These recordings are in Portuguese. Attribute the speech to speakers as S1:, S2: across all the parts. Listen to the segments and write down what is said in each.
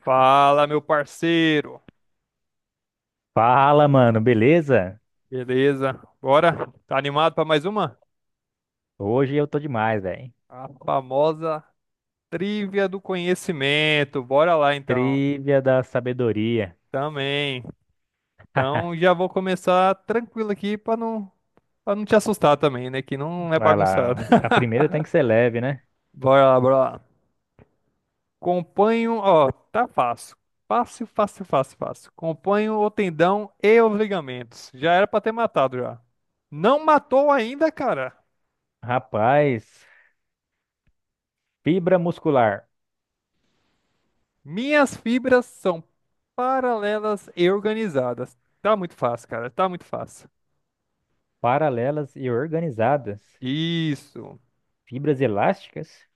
S1: Fala, meu parceiro.
S2: Fala, mano, beleza?
S1: Beleza? Bora? Tá animado pra mais uma?
S2: Hoje eu tô demais, velho.
S1: A famosa trivia do conhecimento. Bora lá então.
S2: Trivia da sabedoria.
S1: Também. Então já vou começar tranquilo aqui pra não para não te assustar também, né, que não é
S2: Vai
S1: bagunçado.
S2: lá. A primeira tem que ser leve, né?
S1: Bora lá, bora lá. Companho, ó, tá fácil. Fácil, fácil, fácil, fácil. Companho o tendão e os ligamentos. Já era pra ter matado já. Não matou ainda, cara.
S2: Rapaz, fibra muscular,
S1: Minhas fibras são paralelas e organizadas. Tá muito fácil, cara. Tá muito fácil.
S2: paralelas e organizadas.
S1: Isso.
S2: Fibras elásticas?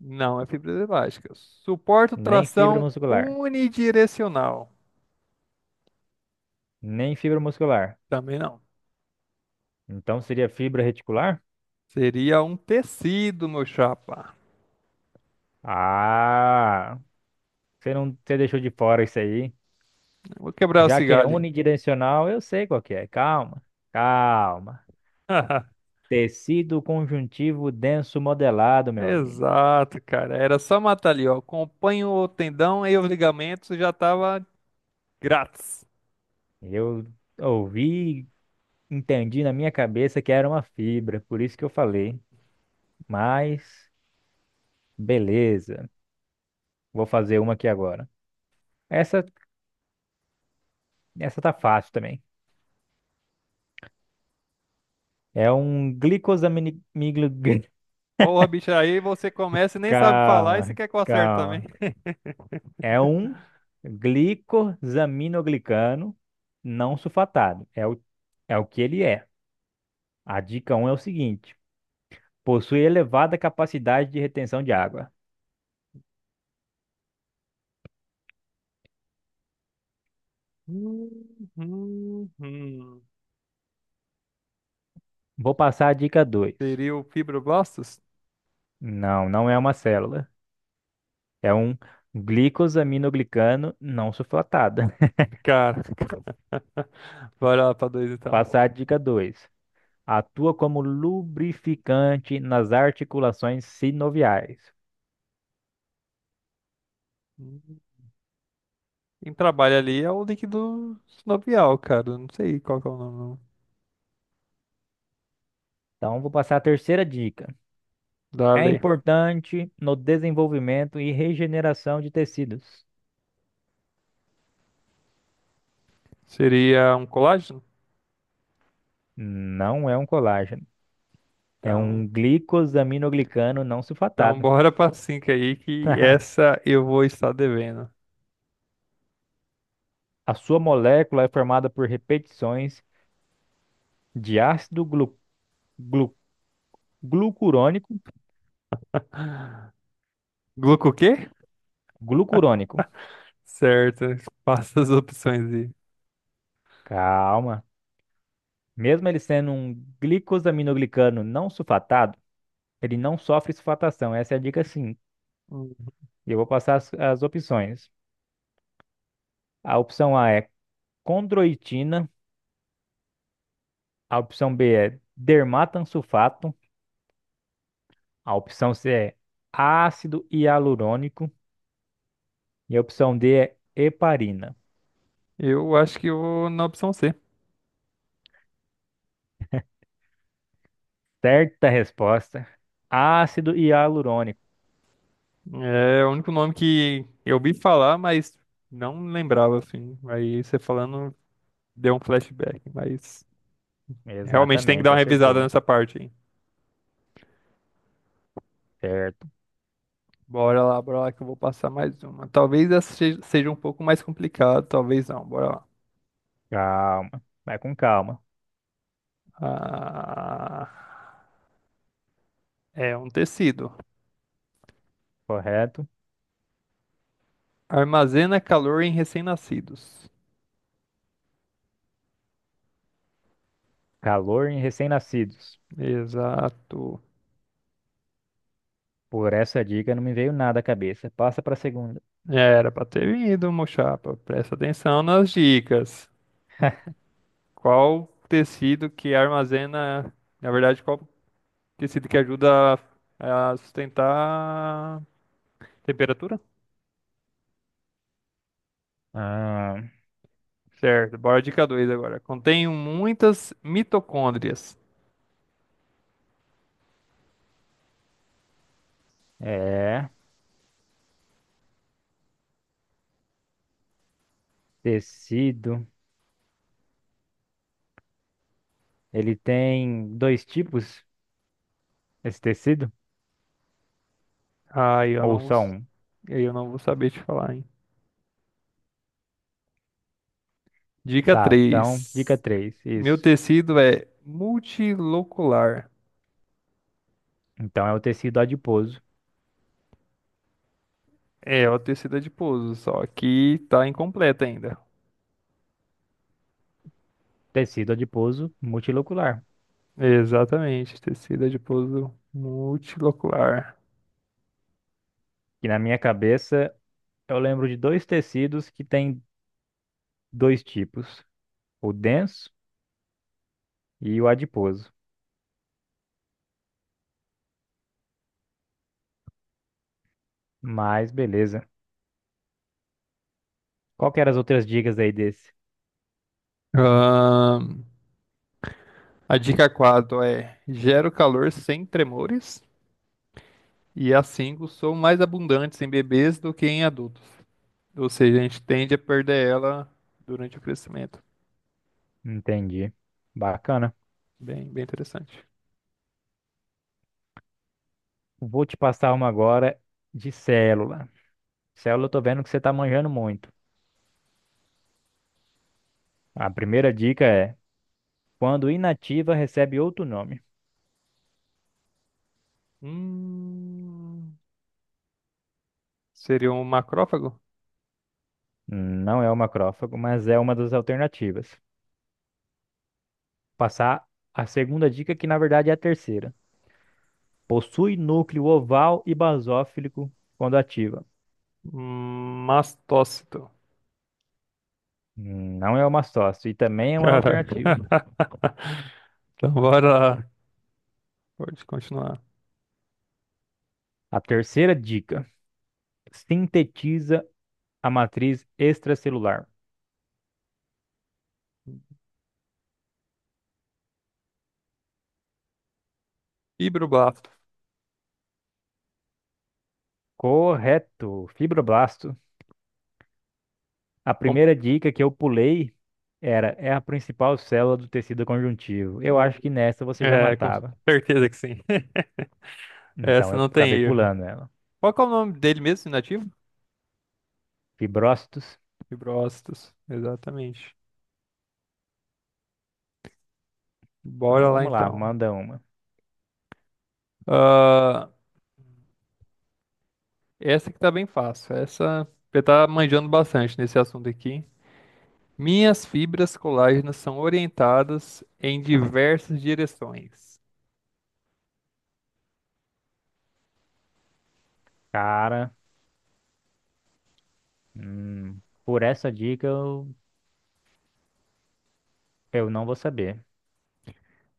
S1: Não é fibras elásticas. Suporto
S2: Nem fibra
S1: tração
S2: muscular.
S1: unidirecional.
S2: Nem fibra muscular.
S1: Também não.
S2: Então seria fibra reticular?
S1: Seria um tecido, meu chapa.
S2: Ah, você não, você deixou de fora isso aí.
S1: Vou quebrar o
S2: Já que
S1: cigarro
S2: é
S1: ali.
S2: unidirecional, eu sei qual que é. Calma, calma. Tecido conjuntivo denso modelado, meu amigo.
S1: Exato, cara. Era só matar ali, ó. Acompanho o tendão e os ligamentos já tava grátis.
S2: Eu ouvi, e entendi na minha cabeça que era uma fibra, por isso que eu falei. Mas beleza, vou fazer uma aqui agora. Essa, essa tá fácil também. É um glicosamine... miglo- gli-
S1: Porra, bicho, aí você começa e nem sabe falar e você
S2: Calma,
S1: quer que eu acerte também.
S2: calma. É um glicosaminoglicano não sulfatado. É o que ele é. A dica um é o seguinte. Possui elevada capacidade de retenção de água.
S1: Hum, hum.
S2: Vou passar a dica 2.
S1: Seria o fibroblastos?
S2: Não, não é uma célula. É um glicosaminoglicano não sulfatado.
S1: Cara, vai lá pra dois então.
S2: Passar a dica 2. Atua como lubrificante nas articulações sinoviais.
S1: Hum. Quem trabalha ali é o líquido sinovial, cara. Eu não sei qual que é o nome
S2: Então, vou passar a terceira dica.
S1: da
S2: É
S1: lei.
S2: importante no desenvolvimento e regeneração de tecidos.
S1: Seria um colágeno?
S2: Não é um colágeno. É
S1: Então,
S2: um glicosaminoglicano não
S1: então
S2: sulfatado.
S1: bora pra cinco aí, que essa eu vou estar devendo.
S2: A sua molécula é formada por repetições de ácido glu- glucurônico,
S1: Gluco o quê?
S2: glucurônico.
S1: Certo, passa as opções aí.
S2: Calma. Mesmo ele sendo um glicosaminoglicano não sulfatado, ele não sofre sulfatação. Essa é a dica sim.
S1: Hum.
S2: Eu vou passar as opções. A opção A é condroitina, a opção B é dermatansulfato, a opção C é ácido hialurônico e a opção D é heparina.
S1: Eu acho que eu vou na opção C.
S2: Certa resposta, ácido hialurônico.
S1: É o único nome que eu ouvi falar, mas não lembrava, assim. Aí você falando, deu um flashback, mas realmente tem que dar
S2: Exatamente,
S1: uma revisada
S2: acertou.
S1: nessa parte, hein?
S2: Certo.
S1: Bora lá que eu vou passar mais uma. Talvez essa seja um pouco mais complicado, talvez não. Bora lá.
S2: Calma. Vai com calma.
S1: Ah, é um tecido.
S2: Correto.
S1: Armazena calor em recém-nascidos.
S2: Calor em recém-nascidos.
S1: Exato.
S2: Por essa dica não me veio nada à cabeça. Passa para a segunda.
S1: Era pra ter vindo, mochapa. Presta atenção nas dicas. Qual tecido que armazena, na verdade, qual tecido que ajuda a sustentar a temperatura?
S2: Ah,
S1: Certo, bora dica 2 agora. Contém muitas mitocôndrias.
S2: é. Tecido. Ele tem dois tipos, esse tecido?
S1: Aí eu
S2: Ou
S1: não vou,
S2: só um?
S1: aí eu não vou saber te falar, hein? Dica
S2: Tá, então, dica
S1: 3.
S2: 3
S1: Meu
S2: isso.
S1: tecido é multilocular.
S2: Então é o tecido adiposo.
S1: É, o tecido adiposo, só que tá incompleto ainda.
S2: Tecido adiposo multilocular.
S1: Exatamente, tecido adiposo multilocular.
S2: Que na minha cabeça eu lembro de dois tecidos que têm dois tipos. O denso e o adiposo. Mas beleza. Qual que eram as outras dicas aí desse?
S1: A dica 4 é: gero calor sem tremores. E as 5 são mais abundantes em bebês do que em adultos. Ou seja, a gente tende a perder ela durante o crescimento.
S2: Entendi. Bacana.
S1: Bem, bem interessante.
S2: Vou te passar uma agora de célula. Célula, eu tô vendo que você tá manjando muito. A primeira dica é: quando inativa, recebe outro nome.
S1: Hum, seria um macrófago?
S2: Não é o macrófago, mas é uma das alternativas. Passar a segunda dica, que na verdade é a terceira. Possui núcleo oval e basófilico quando ativa.
S1: Mastócito.
S2: Não é o mastócito e também é uma
S1: Caraca.
S2: alternativa.
S1: Então, bora lá. Pode continuar.
S2: A terceira dica. Sintetiza a matriz extracelular.
S1: Fibroblasto.
S2: Correto, fibroblasto. A
S1: Com-
S2: primeira dica que eu pulei é a principal célula do tecido conjuntivo. Eu acho que nessa você já
S1: É, com
S2: matava.
S1: certeza que sim.
S2: Então
S1: Essa
S2: eu
S1: não tem
S2: acabei
S1: erro.
S2: pulando ela.
S1: Qual que é o nome dele mesmo, inativo?
S2: Fibrócitos.
S1: Fibrócitos, exatamente.
S2: Então
S1: Bora lá
S2: vamos lá,
S1: então.
S2: manda uma.
S1: Ah, essa que tá bem fácil. Essa você tá manjando bastante nesse assunto aqui. Minhas fibras colágenas são orientadas em diversas direções.
S2: Cara, hum, por essa dica, eu não vou saber.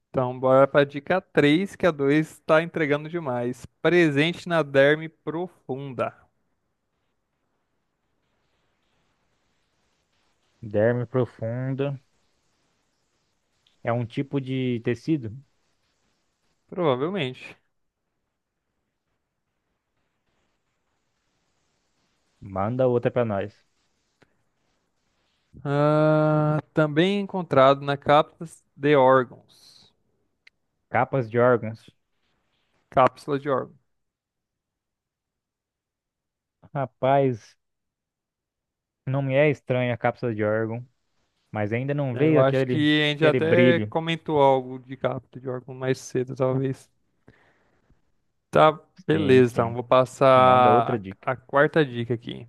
S1: Então, bora para dica três, que a 2 está entregando demais. Presente na derme profunda.
S2: Derme profunda é um tipo de tecido?
S1: Provavelmente.
S2: Manda outra pra nós.
S1: Ah, também encontrado na cápsula de órgãos.
S2: Capas de órgãos.
S1: Cápsula de órgãos.
S2: Rapaz, não me é estranha a cápsula de órgão, mas ainda não
S1: É, eu
S2: veio
S1: acho
S2: aquele,
S1: que a gente
S2: aquele
S1: até
S2: brilho.
S1: comentou algo de capta de órgão mais cedo, talvez. Tá,
S2: Sim,
S1: beleza, então
S2: sim.
S1: vou
S2: Manda outra
S1: passar
S2: dica.
S1: a quarta dica aqui.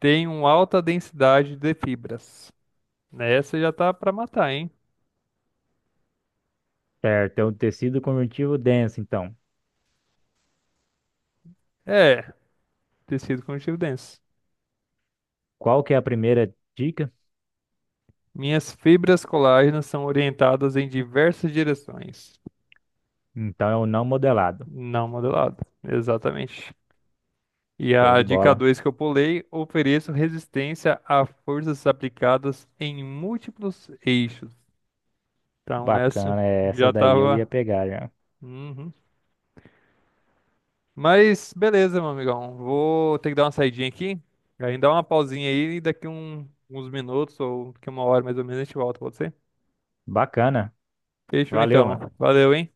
S1: Tem uma alta densidade de fibras. Essa já tá pra matar, hein?
S2: Certo, é um tecido conjuntivo denso, então.
S1: É, tecido conjuntivo denso.
S2: Qual que é a primeira dica?
S1: Minhas fibras colágenas são orientadas em diversas direções,
S2: Então é o não modelado.
S1: não modelado. Exatamente. E
S2: Show
S1: a
S2: de
S1: dica
S2: bola.
S1: 2 que eu pulei, ofereço resistência a forças aplicadas em múltiplos eixos. Então, essa
S2: Bacana, é essa
S1: já
S2: daí eu ia
S1: tava.
S2: pegar já.
S1: Uhum. Mas beleza, meu amigão. Vou ter que dar uma saidinha aqui. Aí dá uma pausinha aí e daqui um, uns minutos ou daqui uma hora mais ou menos a gente volta, pode ser?
S2: Bacana.
S1: Fechou
S2: Valeu,
S1: então.
S2: mano.
S1: Valeu, hein?